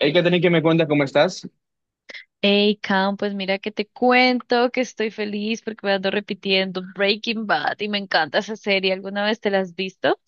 Hay que tener que me cuentas cómo estás. Hey, Cam, pues mira que te cuento que estoy feliz porque me ando repitiendo Breaking Bad y me encanta esa serie. ¿Alguna vez te la has visto?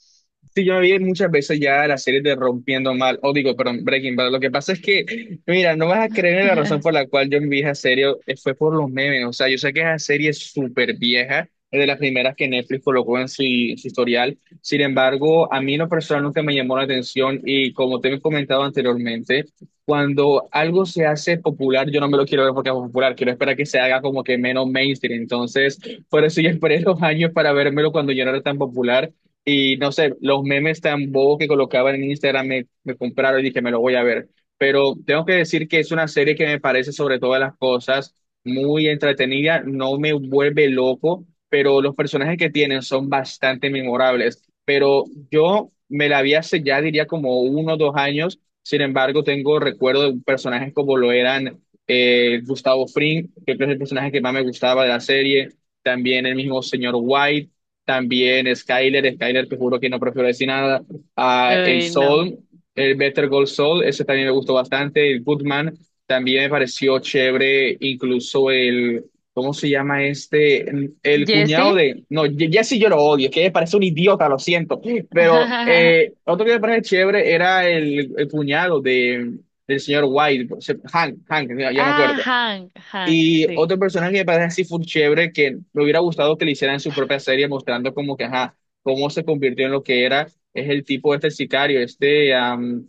Sí, yo me vi muchas veces ya la serie de Rompiendo Mal, o digo, perdón, Breaking Bad. Lo que pasa es que, mira, no vas a creer en la razón por la cual yo me vi esa serie, fue por los memes. O sea, yo sé que esa serie es súper vieja, es de las primeras que Netflix colocó en su historial. Sin embargo, a mí en lo personal nunca me llamó la atención y, como te he comentado anteriormente, cuando algo se hace popular, yo no me lo quiero ver porque es popular, quiero esperar que se haga como que menos mainstream. Entonces, por eso yo esperé los años para vérmelo cuando yo no era tan popular. Y no sé, los memes tan bobos que colocaban en Instagram me compraron y dije, me lo voy a ver. Pero tengo que decir que es una serie que me parece, sobre todas las cosas, muy entretenida. No me vuelve loco, pero los personajes que tienen son bastante memorables. Pero yo me la vi hace ya, diría, como uno o dos años. Sin embargo, tengo recuerdo de personajes como lo eran Gustavo Fring, que creo que es el personaje que más me gustaba de la serie, también el mismo señor White, también Skyler. Skyler, te juro que no prefiero decir nada. Ah, el Uy, no. Sol, el Better Gold Sol, ese también me gustó bastante. El Goodman también me pareció chévere. Incluso el, ¿cómo se llama este? El cuñado ¿Jesse? de. No, Jesse, yo lo odio, que me parece un idiota, lo siento. Pero otro que me parece chévere era el cuñado de, del señor White, Hank. Hank, ya me Ah, acuerdo. Hank, Hank, Y sí. otro personaje que me parece así full chévere, que me hubiera gustado que le hicieran su propia serie mostrando como que, ajá, cómo se convirtió en lo que era, es el tipo este, el sicario, este, am,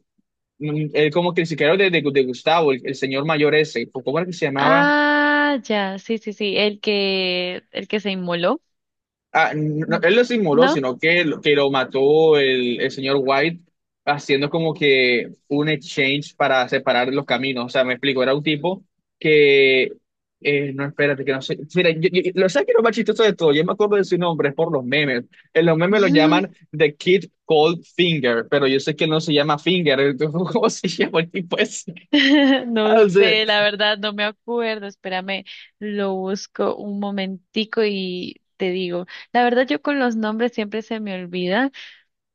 mm, el como que el sicario de Gustavo, el señor mayor ese, ¿cómo era que se llamaba? Ah, ya, sí, sí, sí, el que se inmoló, Ah, no, él lo simuló, ¿no? sino que, que lo mató el señor White haciendo como que un exchange para separar los caminos. O sea, me explico, era un tipo que... no, espérate, que no sé. Mira, lo sabes que lo más chistoso de todo, yo me acuerdo de su nombre es por los memes. En los memes lo llaman The Kid Cold Finger, pero yo sé que no se llama Finger, entonces, ¿cómo se llama el tipo ese? No sé, la verdad, no me acuerdo. Espérame, lo busco un momentico y te digo. La verdad, yo con los nombres siempre se me olvida.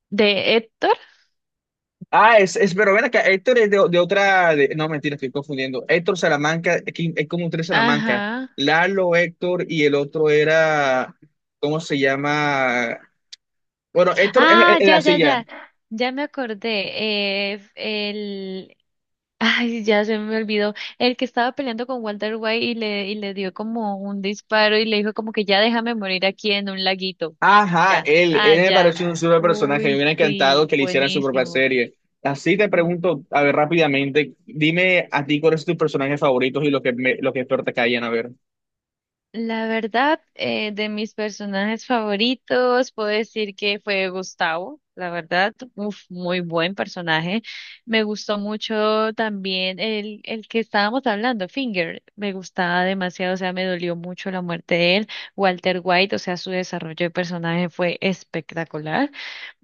¿De Héctor? Ah, pero ven acá, Héctor es de otra, no, mentira, estoy confundiendo. Héctor Salamanca, aquí hay como tres Salamanca. Ajá. Lalo, Héctor y el otro era, ¿cómo se llama? Bueno, Héctor Ah, es ya, la ya, silla. ya. Ya me acordé. Ay, ya se me olvidó. El que estaba peleando con Walter White y le dio como un disparo y le dijo como que ya déjame morir aquí en un laguito. Ajá, Ya. él, Ah, él me ya. pareció un super personaje, me Uy, hubiera encantado sí. que le hicieran su propia Buenísimo. serie. Así te pregunto, a ver, rápidamente, dime a ti cuáles son tus personajes favoritos y los que, los que peor te caían, a ver. La verdad, de mis personajes favoritos, puedo decir que fue Gustavo, la verdad, uf, muy buen personaje. Me gustó mucho también el que estábamos hablando, Finger, me gustaba demasiado, o sea, me dolió mucho la muerte de él. Walter White, o sea, su desarrollo de personaje fue espectacular.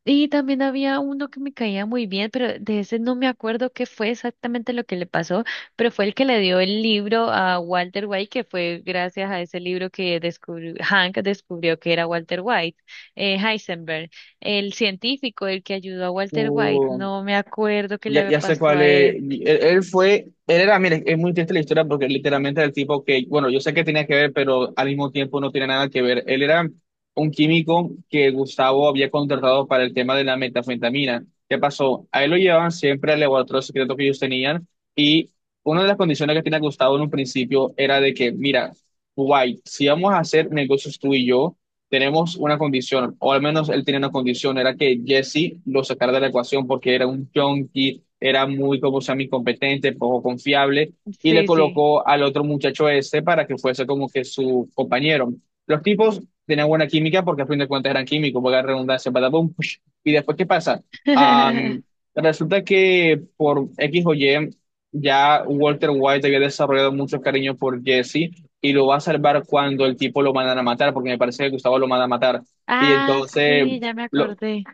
Y también había uno que me caía muy bien, pero de ese no me acuerdo qué fue exactamente lo que le pasó, pero fue el que le dio el libro a Walter White, que fue gracias a ese libro que descubrió, Hank descubrió que era Walter White, Heisenberg, el científico, el que ayudó a Walter White. No me acuerdo qué Ya, le ya sé pasó cuál a es. él. Él fue, él era, mire, es muy triste la historia porque literalmente era el tipo que, bueno, yo sé que tenía que ver, pero al mismo tiempo no tiene nada que ver. Él era un químico que Gustavo había contratado para el tema de la metanfetamina. ¿Qué pasó? A él lo llevaban siempre al laboratorio secreto que ellos tenían y una de las condiciones que tenía Gustavo en un principio era de que, mira, White, si vamos a hacer negocios tú y yo, tenemos una condición, o al menos él tenía una condición, era que Jesse lo sacara de la ecuación porque era un junkie, era muy, como se llama, incompetente, poco confiable, y le Sí, sí. colocó al otro muchacho ese para que fuese como que su compañero. Los tipos tenían buena química porque a fin de cuentas eran químicos, porque la redundancia, badabum, push. Y después, ¿qué pasa? Am, resulta que por X o Y, ya Walter White había desarrollado mucho cariño por Jesse y lo va a salvar cuando el tipo lo mandan a matar, porque me parece que Gustavo lo manda a matar. Y Ah, entonces, sí, ya me lo, acordé.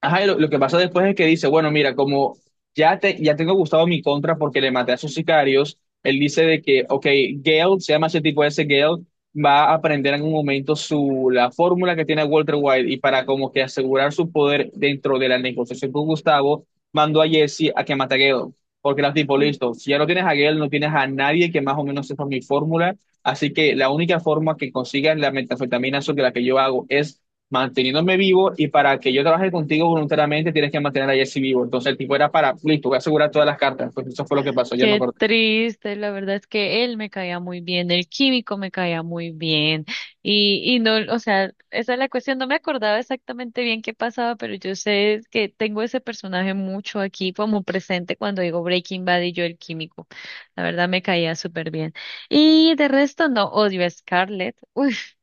ajá, lo que pasa después es que dice, bueno, mira, como ya tengo Gustavo mi contra porque le maté a sus sicarios, él dice de que, ok, Gale, se llama ese tipo ese, Gale va a aprender en un momento la fórmula que tiene Walter White, y para como que asegurar su poder dentro de la negociación con Gustavo, mandó a Jesse a que mate a Gale, porque era tipo, listo, si ya no tienes a Gale, no tienes a nadie que más o menos sepa mi fórmula, así que la única forma que consigas la metanfetamina sobre la que yo hago es manteniéndome vivo, y para que yo trabaje contigo voluntariamente tienes que mantener a Jesse vivo. Entonces el tipo era para, listo, voy a asegurar todas las cartas. Pues eso fue lo que pasó, yo no Qué acuerdo. triste, la verdad es que él me caía muy bien, el químico me caía muy bien y no, o sea, esa es la cuestión, no me acordaba exactamente bien qué pasaba, pero yo sé que tengo ese personaje mucho aquí como presente cuando digo Breaking Bad y yo el químico, la verdad me caía súper bien. Y de resto no, odio a Scarlett.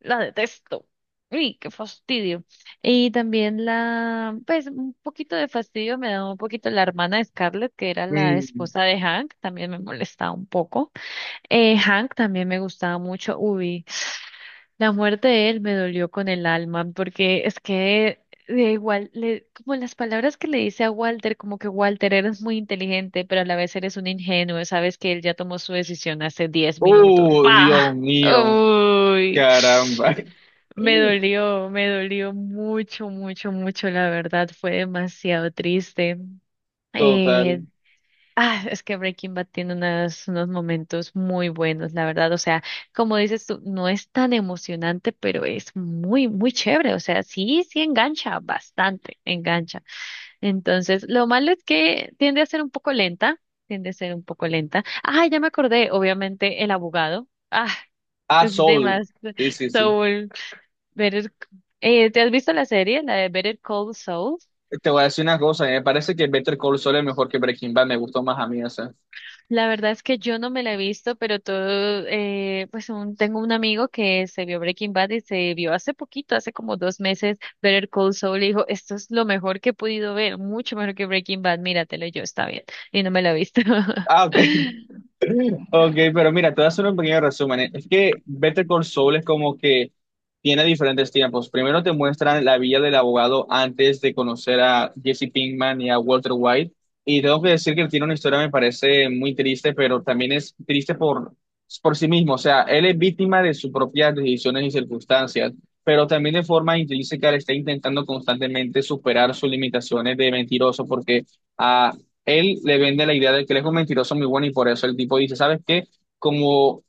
La detesto. Uy, qué fastidio. Y también pues un poquito de fastidio me da un poquito la hermana de Scarlett, que era la Mm. esposa de Hank, también me molestaba un poco. Hank también me gustaba mucho. Uy, la muerte de él me dolió con el alma, porque es que de igual, como las palabras que le dice a Walter, como que Walter eres muy inteligente, pero a la vez eres un ingenuo, sabes que él ya tomó su decisión hace 10 minutos. Oh, Dios ¡Pah! mío, Uy. caramba. Me dolió mucho, mucho, mucho, la verdad, fue demasiado triste. Total. Eh, es que Breaking Bad tiene unos momentos muy buenos, la verdad, o sea, como dices tú, no es tan emocionante, pero es muy, muy chévere, o sea, sí, sí engancha bastante, engancha. Entonces, lo malo es que tiende a ser un poco lenta. Ah, ya me acordé, obviamente, el abogado. Ah, Ah, es Sol. demasiado. Sí, sí, sí. so Better, ¿Te has visto la serie, la de Better Call Saul? Te voy a decir una cosa, me parece que Better Call Saul es mejor que Breaking Bad, me gustó más a mí, o sea. La verdad es que yo no me la he visto, pero todo, tengo un amigo que se vio Breaking Bad y se vio hace poquito, hace como dos meses, Better Call Saul, y dijo, esto es lo mejor que he podido ver, mucho mejor que Breaking Bad, míratelo, y yo, está bien, y no me la he visto. Ah, ok. Ok, pero mira, te voy a hacer un pequeño resumen, ¿eh? Es que Better Call Saul es como que tiene diferentes tiempos. Primero te muestran la vida del abogado antes de conocer a Jesse Pinkman y a Walter White. Y tengo que decir que tiene una historia, me parece muy triste, pero también es triste por sí mismo. O sea, él es víctima de sus propias decisiones y circunstancias, pero también de forma intrínseca le está intentando constantemente superar sus limitaciones de mentiroso porque... ah, él le vende la idea de que él es un mentiroso muy bueno y por eso el tipo dice, ¿sabes qué? Como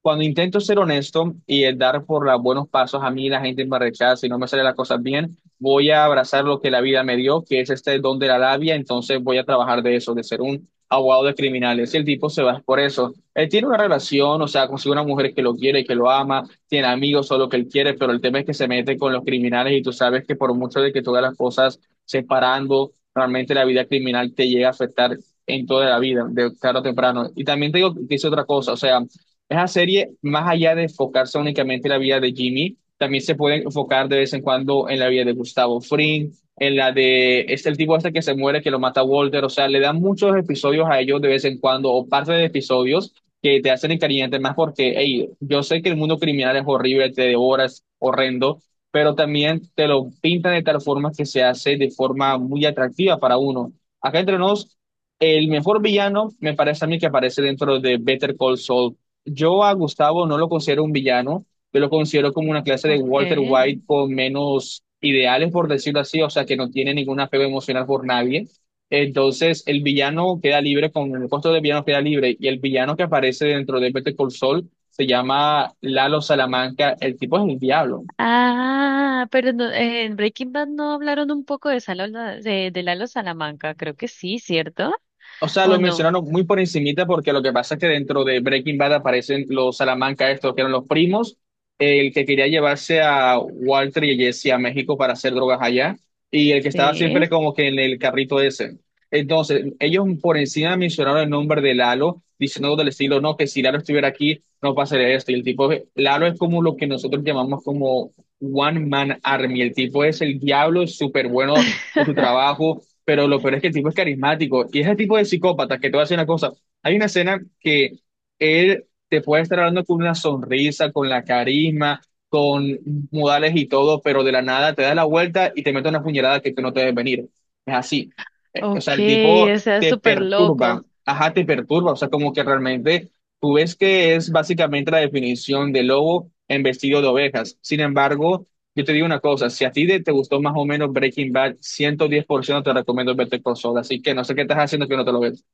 cuando intento ser honesto y el dar por los buenos pasos, a mí la gente me rechaza y no me salen las cosas bien. Voy a abrazar lo que la vida me dio, que es este don de la labia, entonces voy a trabajar de eso, de ser un abogado de criminales. Y el tipo se va por eso. Él tiene una relación, o sea, consigue una mujer que lo quiere y que lo ama, tiene amigos o lo que él quiere, pero el tema es que se mete con los criminales y tú sabes que por mucho de que tú hagas las cosas separando, realmente la vida criminal te llega a afectar en toda la vida, de tarde o temprano. Y también te digo que hice otra cosa, o sea, esa serie, más allá de enfocarse únicamente en la vida de Jimmy, también se puede enfocar de vez en cuando en la vida de Gustavo Fring, en la de este el tipo este que se muere, que lo mata Walter, o sea, le dan muchos episodios a ellos de vez en cuando, o parte de episodios que te hacen encariñarte más porque, hey, yo sé que el mundo criminal es horrible, te devora, es horrendo, pero también te lo pintan de tal forma que se hace de forma muy atractiva para uno. Acá entre nos, el mejor villano me parece a mí que aparece dentro de Better Call Saul. Yo a Gustavo no lo considero un villano, yo lo considero como una clase de Ok. Walter White con menos ideales, por decirlo así, o sea, que no tiene ningún apego emocional por nadie. Entonces, el villano queda libre, con el costo de villano queda libre, y el villano que aparece dentro de Better Call Saul se llama Lalo Salamanca, el tipo es el diablo. Ah, en Breaking Bad no hablaron un poco de, de Lalo Salamanca, creo que sí, ¿cierto? O sea, ¿O lo no? mencionaron muy por encimita porque lo que pasa es que dentro de Breaking Bad aparecen los Salamanca estos que eran los primos, el que quería llevarse a Walter y Jesse a México para hacer drogas allá y el que estaba Sí. siempre como que en el carrito ese. Entonces, ellos por encima mencionaron el nombre de Lalo, diciendo del estilo, no, que si Lalo estuviera aquí, no pasaría esto. Y el tipo, Lalo es como lo que nosotros llamamos como One Man Army. El tipo es el diablo, es súper bueno en su trabajo, pero lo peor es que el tipo es carismático y es el tipo de psicópata que, te voy a decir una cosa. Hay una escena que él te puede estar hablando con una sonrisa, con la carisma, con modales y todo, pero de la nada te da la vuelta y te mete una puñalada que tú no te debes venir. Es así. O Ok, sea, el tipo o sea, te súper perturba, loco. ajá, te perturba, o sea, como que realmente tú ves que es básicamente la definición de lobo en vestido de ovejas. Sin embargo, yo te digo una cosa, si a ti te gustó más o menos Breaking Bad, 110% te recomiendo verte por Saul, así que no sé qué estás haciendo que no te lo ves.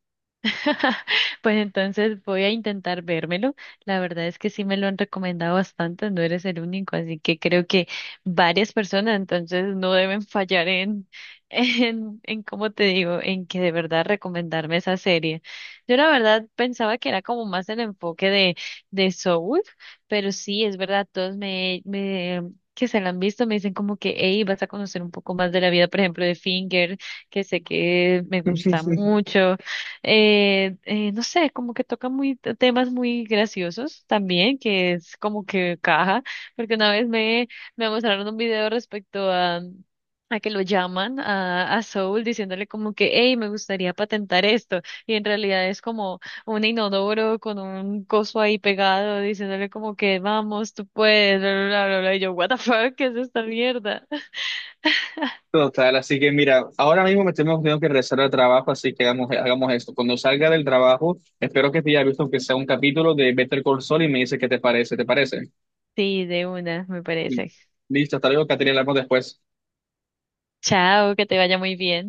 Pues entonces voy a intentar vérmelo. La verdad es que sí me lo han recomendado bastante, no eres el único, así que creo que varias personas entonces no deben fallar en, en cómo te digo, en que de verdad recomendarme esa serie. Yo la verdad pensaba que era como más el enfoque de Soul, pero sí, es verdad, todos me, me que se la han visto, me dicen como que, hey, vas a conocer un poco más de la vida, por ejemplo, de Finger, que sé que me gusta mucho no sé, como que toca muy temas muy graciosos también, que es como que caja, porque una vez me mostraron un video respecto a que lo llaman a Soul diciéndole como que, hey, me gustaría patentar esto, y en realidad es como un inodoro con un coso ahí pegado diciéndole como que, vamos, tú puedes, bla, bla, bla, bla, bla, y yo, what the fuck, ¿qué es esta mierda? Total, así que mira, ahora mismo me tengo que regresar al trabajo, así que hagamos esto. Cuando salga del trabajo, espero que te haya visto aunque sea un capítulo de Better Call Saul y me dice qué te parece, ¿te parece? Sí, de una, me parece. Listo, hasta luego, Caterina, hablamos después. Chao, que te vaya muy bien.